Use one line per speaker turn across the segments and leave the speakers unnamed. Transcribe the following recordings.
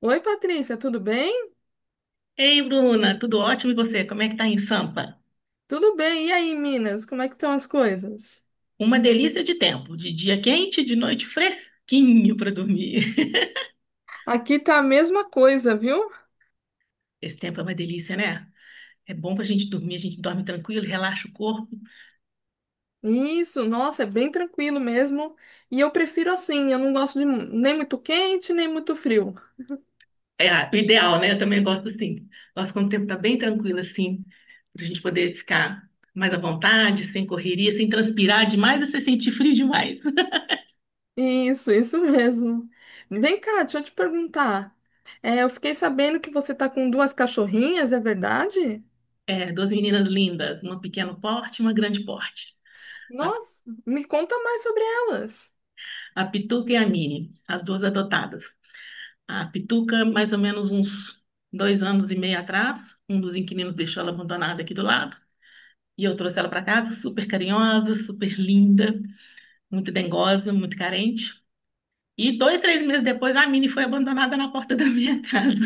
Oi, Patrícia, tudo bem?
Ei, Bruna, tudo ótimo e você? Como é que tá em Sampa?
Tudo bem. E aí, Minas, como é que estão as coisas?
Uma delícia de tempo, de dia quente, de noite fresquinho para dormir.
Aqui tá a mesma coisa, viu?
Esse tempo é uma delícia, né? É bom pra gente dormir, a gente dorme tranquilo, relaxa o corpo.
Isso, nossa, é bem tranquilo mesmo. E eu prefiro assim, eu não gosto de nem muito quente, nem muito frio.
É ah, o ideal, né? Eu também gosto assim. Gosto quando o tempo tá bem tranquilo assim, pra gente poder ficar mais à vontade, sem correria, sem transpirar demais e sem sentir frio demais.
Isso, isso mesmo. Vem cá, deixa eu te perguntar. É, eu fiquei sabendo que você tá com duas cachorrinhas, é verdade?
É, duas meninas lindas, uma pequeno porte e uma grande porte. A,
Nossa, me conta mais sobre elas.
a Pituca e a Mini, as duas adotadas. A Pituca, mais ou menos uns 2 anos e meio atrás, um dos inquilinos deixou ela abandonada aqui do lado. E eu trouxe ela para casa, super carinhosa, super linda, muito dengosa, muito carente. E dois, três meses depois, a Mini foi abandonada na porta da minha casa.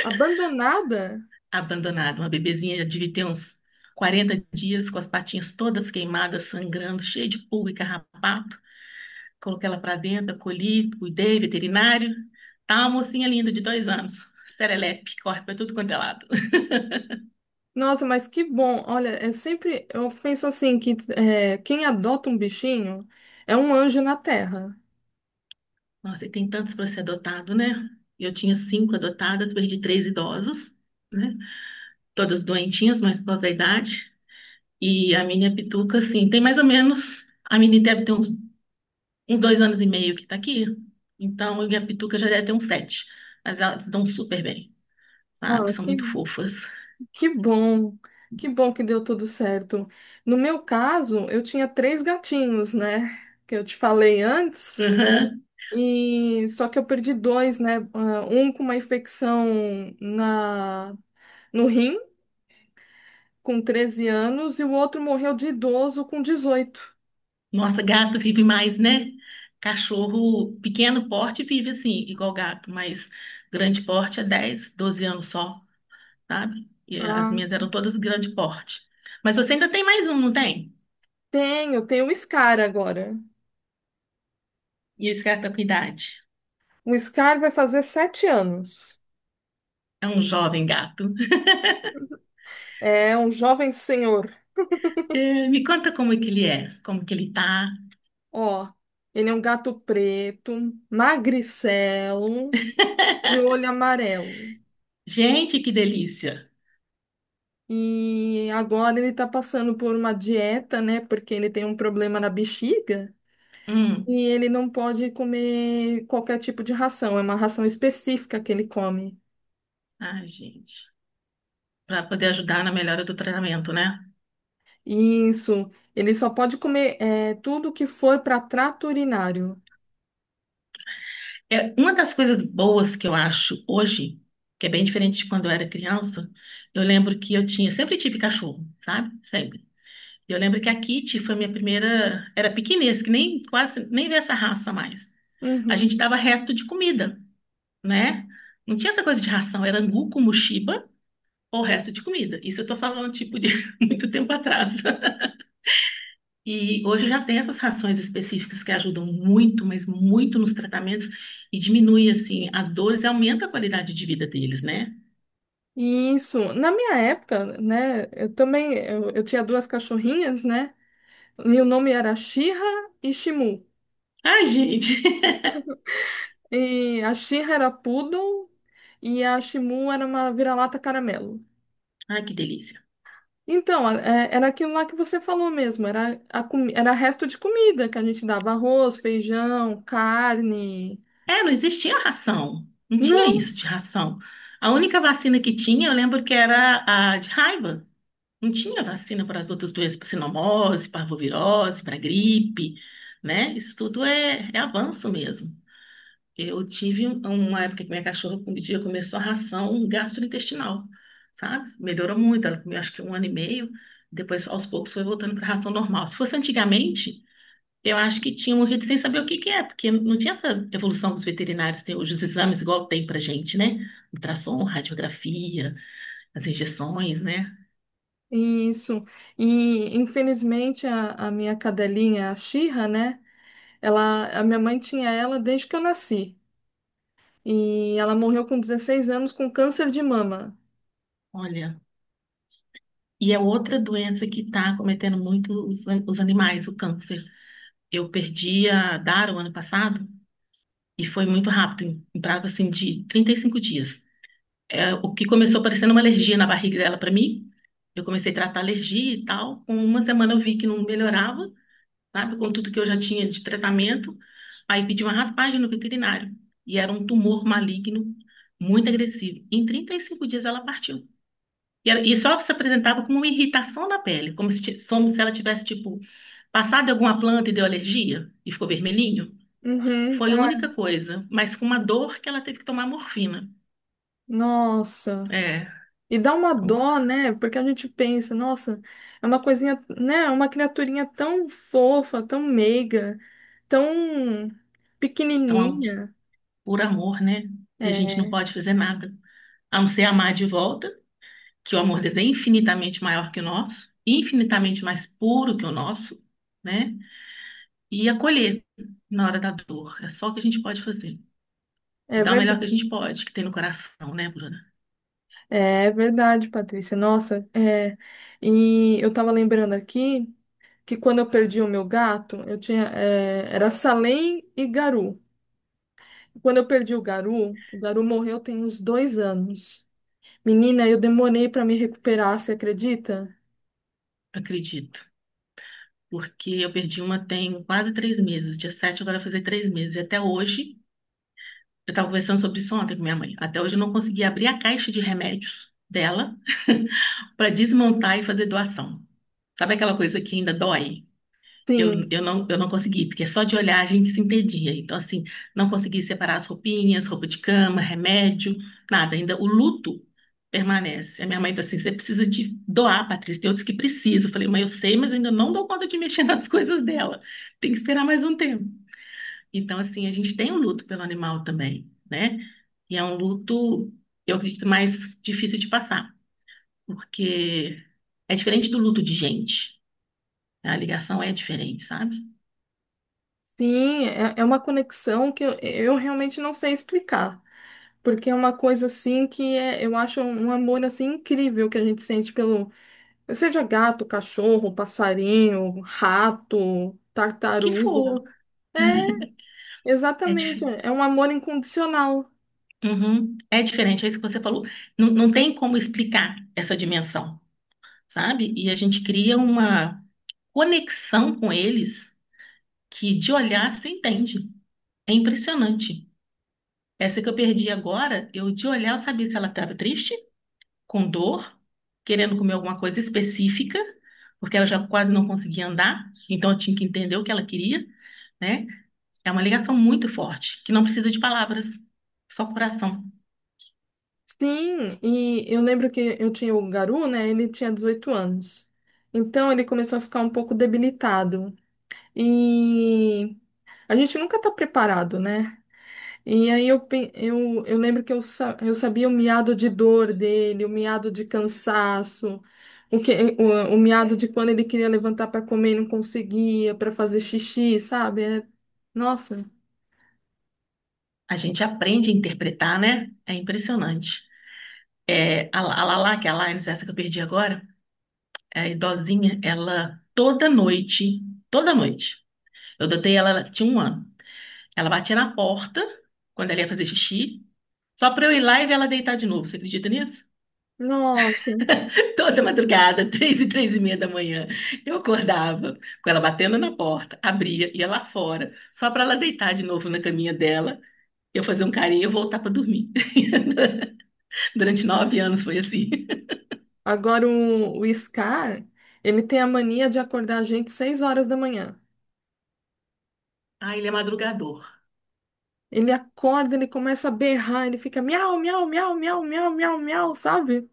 Abandonada?
Abandonada, uma bebezinha, já devia ter uns 40 dias, com as patinhas todas queimadas, sangrando, cheia de pulga e carrapato. Coloquei ela para dentro, acolhi, cuidei, veterinário. Tá uma mocinha linda de 2 anos, serelepe, corre para tudo quanto é lado.
Nossa, mas que bom. Olha, é sempre eu penso assim que é, quem adota um bichinho é um anjo na terra.
Nossa, e tem tantos para ser adotado, né? Eu tinha cinco adotadas, perdi três idosos, né? Todas doentinhas, mas por causa da idade. E a minha pituca, assim, tem mais ou menos. A menina deve ter uns 2 anos e meio que tá aqui. Então, e a pituca já deve ter uns sete. Mas elas dão super bem, sabe?
Ah,
São muito
que,
fofas.
que bom. Que bom que deu tudo certo. No meu caso, eu tinha três gatinhos, né? Que eu te falei antes.
Uhum.
E só que eu perdi dois, né? Ah, um com uma infecção na no rim com 13 anos e o outro morreu de idoso com 18.
Nossa, gato vive mais, né? Cachorro, pequeno porte, vive assim, igual gato, mas grande porte é 10 12 anos só, sabe? E as
Ah,
minhas eram todas grande porte. Mas você ainda tem mais um, não tem?
tenho o Scar agora.
E esse gato tá com idade.
O Scar vai fazer 7 anos.
É um jovem gato.
É um jovem senhor.
É, me conta como é que ele é, como que ele tá.
Ó, ele é um gato preto, magricelo, de olho amarelo.
Gente, que delícia!
E agora ele tá passando por uma dieta, né? Porque ele tem um problema na bexiga.
Hum,
E ele não pode comer qualquer tipo de ração. É uma ração específica que ele come.
ai, gente. Para poder ajudar na melhora do tratamento, né?
Isso. Ele só pode comer é, tudo que for para trato urinário.
É uma das coisas boas que eu acho hoje, que é bem diferente de quando eu era criança, eu lembro que eu tinha, sempre tive cachorro, sabe? Sempre. Eu lembro que a Kitty foi minha primeira, era pequinês, que nem quase nem vê essa raça mais. A
Uhum.
gente dava resto de comida, né? Não tinha essa coisa de ração, era angu com muxiba ou resto de comida. Isso eu tô falando, tipo, de muito tempo atrás, né? E hoje já tem essas rações específicas que ajudam muito, mas muito nos tratamentos e diminui, assim, as dores e aumenta a qualidade de vida deles, né?
Isso. Na minha época, né, eu também, eu tinha duas cachorrinhas, né, e o nome era Shira e Shimu.
Ai, gente!
E a Shira era poodle e a Shimu era uma vira-lata caramelo.
Ai, que delícia!
Então, era aquilo lá que você falou mesmo, era resto de comida que a gente dava arroz, feijão, carne.
É, não existia ração. Não tinha
Não,
isso de ração. A única vacina que tinha, eu lembro que era a de raiva. Não tinha vacina para as outras doenças, para cinomose, parvovirose, para gripe, né? Isso tudo é avanço mesmo. Eu tive uma época que minha cachorra um dia começou a ração gastrointestinal, sabe? Melhorou muito, ela comeu acho que um ano e meio, depois aos poucos foi voltando para a ração normal. Se fosse antigamente, eu acho que tinha morrido sem saber o que que é, porque não tinha essa evolução dos veterinários, tem hoje os exames igual tem pra gente, né? Ultrassom, radiografia, as injeções, né?
isso. E infelizmente a minha cadelinha, a Shira, né, ela, a minha mãe tinha ela desde que eu nasci. E ela morreu com 16 anos com câncer de mama.
Olha. E é outra doença que está cometendo muito os animais, o câncer. Eu perdi a Dara o ano passado e foi muito rápido, em prazo assim de 35 dias. É, o que começou parecendo uma alergia na barriga dela para mim, eu comecei a tratar alergia e tal. Com uma semana eu vi que não melhorava, sabe, com tudo que eu já tinha de tratamento. Aí pedi uma raspagem no veterinário e era um tumor maligno, muito agressivo. Em 35 dias ela partiu. E só se apresentava como uma irritação na pele, como se ela tivesse, tipo, passado em alguma planta e deu alergia e ficou vermelhinho.
Uhum.
Foi a única
Ai,
coisa, mas com uma dor que ela teve que tomar morfina.
nossa.
É,
E dá uma
então,
dó, né? Porque a gente pensa, nossa, é uma coisinha, né? É uma criaturinha tão fofa, tão meiga, tão
então,
pequenininha.
por amor, né? E a gente
É
não pode fazer nada, a não ser amar de volta, que o amor deles é infinitamente maior que o nosso, infinitamente mais puro que o nosso, né? E acolher na hora da dor. É só o que a gente pode fazer. E
é
dar o melhor que a
verdade,
gente pode, que tem no coração, né, Bruna?
é verdade, Patrícia. Nossa, é. E eu tava lembrando aqui que quando eu perdi o meu gato, eu tinha, é, era Salem e Garu. Quando eu perdi o Garu morreu tem uns 2 anos. Menina, eu demorei para me recuperar, você acredita?
Acredito, porque eu perdi uma tem quase 3 meses. Dia 7 agora vai fazer 3 meses. E até hoje, eu estava conversando sobre isso ontem com minha mãe. Até hoje eu não consegui abrir a caixa de remédios dela para desmontar e fazer doação. Sabe aquela coisa que ainda dói? Eu,
Sim,
eu não, eu não consegui, porque só de olhar a gente se entendia. Então, assim, não consegui separar as roupinhas, roupa de cama, remédio, nada. Ainda o luto permanece. A minha mãe falou assim: você precisa de doar, Patrícia. Tem outros que precisam. Eu falei, mãe, eu sei, mas eu ainda não dou conta de mexer nas coisas dela. Tem que esperar mais um tempo. Então, assim, a gente tem um luto pelo animal também, né? E é um luto, eu acredito, mais difícil de passar, porque é diferente do luto de gente. A ligação é diferente, sabe?
sim, é, uma conexão que eu realmente não sei explicar. Porque é uma coisa assim que é, eu acho um amor assim incrível que a gente sente pelo, seja gato, cachorro, passarinho, rato,
Que
tartaruga.
for.
É,
É,
exatamente,
dif-
é um amor incondicional.
Uhum. É diferente, é isso que você falou. Não, não tem como explicar essa dimensão, sabe? E a gente cria uma conexão com eles que de olhar se entende. É impressionante. Essa que eu perdi agora, eu de olhar eu sabia se ela estava triste, com dor, querendo comer alguma coisa específica, porque ela já quase não conseguia andar, então eu tinha que entender o que ela queria, né? É uma ligação muito forte, que não precisa de palavras, só coração.
Sim, e eu lembro que eu tinha o Garu, né? Ele tinha 18 anos. Então ele começou a ficar um pouco debilitado. E a gente nunca está preparado, né? E aí eu lembro que eu sabia o miado de dor dele, o miado de cansaço, o, que, o miado de quando ele queria levantar para comer e não conseguia, para fazer xixi, sabe? Nossa,
A gente aprende a interpretar, né? É impressionante. É, a Lala, que é a Lines, essa que eu perdi agora, é a idosinha, ela toda noite, eu adotei ela, ela tinha um ano. Ela batia na porta quando ela ia fazer xixi, só pra eu ir lá e ver ela deitar de novo. Você acredita nisso?
nossa.
Toda madrugada, três e três e meia da manhã, eu acordava com ela batendo na porta, abria, ia lá fora, só pra ela deitar de novo na caminha dela, eu fazer um carinho e eu voltar pra dormir. Durante 9 anos foi assim.
Agora o Scar, ele tem a mania de acordar a gente 6 horas da manhã.
Ah, ele é madrugador.
Ele acorda, ele começa a berrar, ele fica miau, miau, miau, miau, miau, miau, miau, sabe?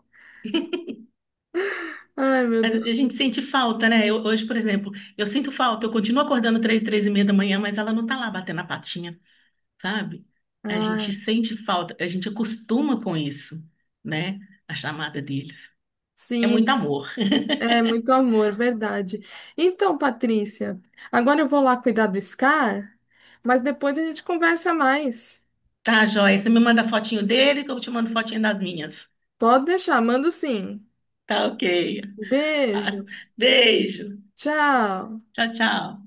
Ai, meu
A
Deus.
gente sente falta, né? Hoje, por exemplo, eu sinto falta, eu continuo acordando três, três e meia da manhã, mas ela não tá lá batendo a patinha, sabe? A gente
Ah,
sente falta, a gente acostuma com isso, né? A chamada deles. É muito
sim,
amor.
é muito amor, verdade. Então, Patrícia, agora eu vou lá cuidar do Scar, mas depois a gente conversa mais.
Tá, joia? Você me manda fotinho dele que eu te mando fotinho das minhas.
Pode deixar, mando sim.
Tá, ok. Ah,
Beijo,
beijo.
tchau.
Tchau, tchau.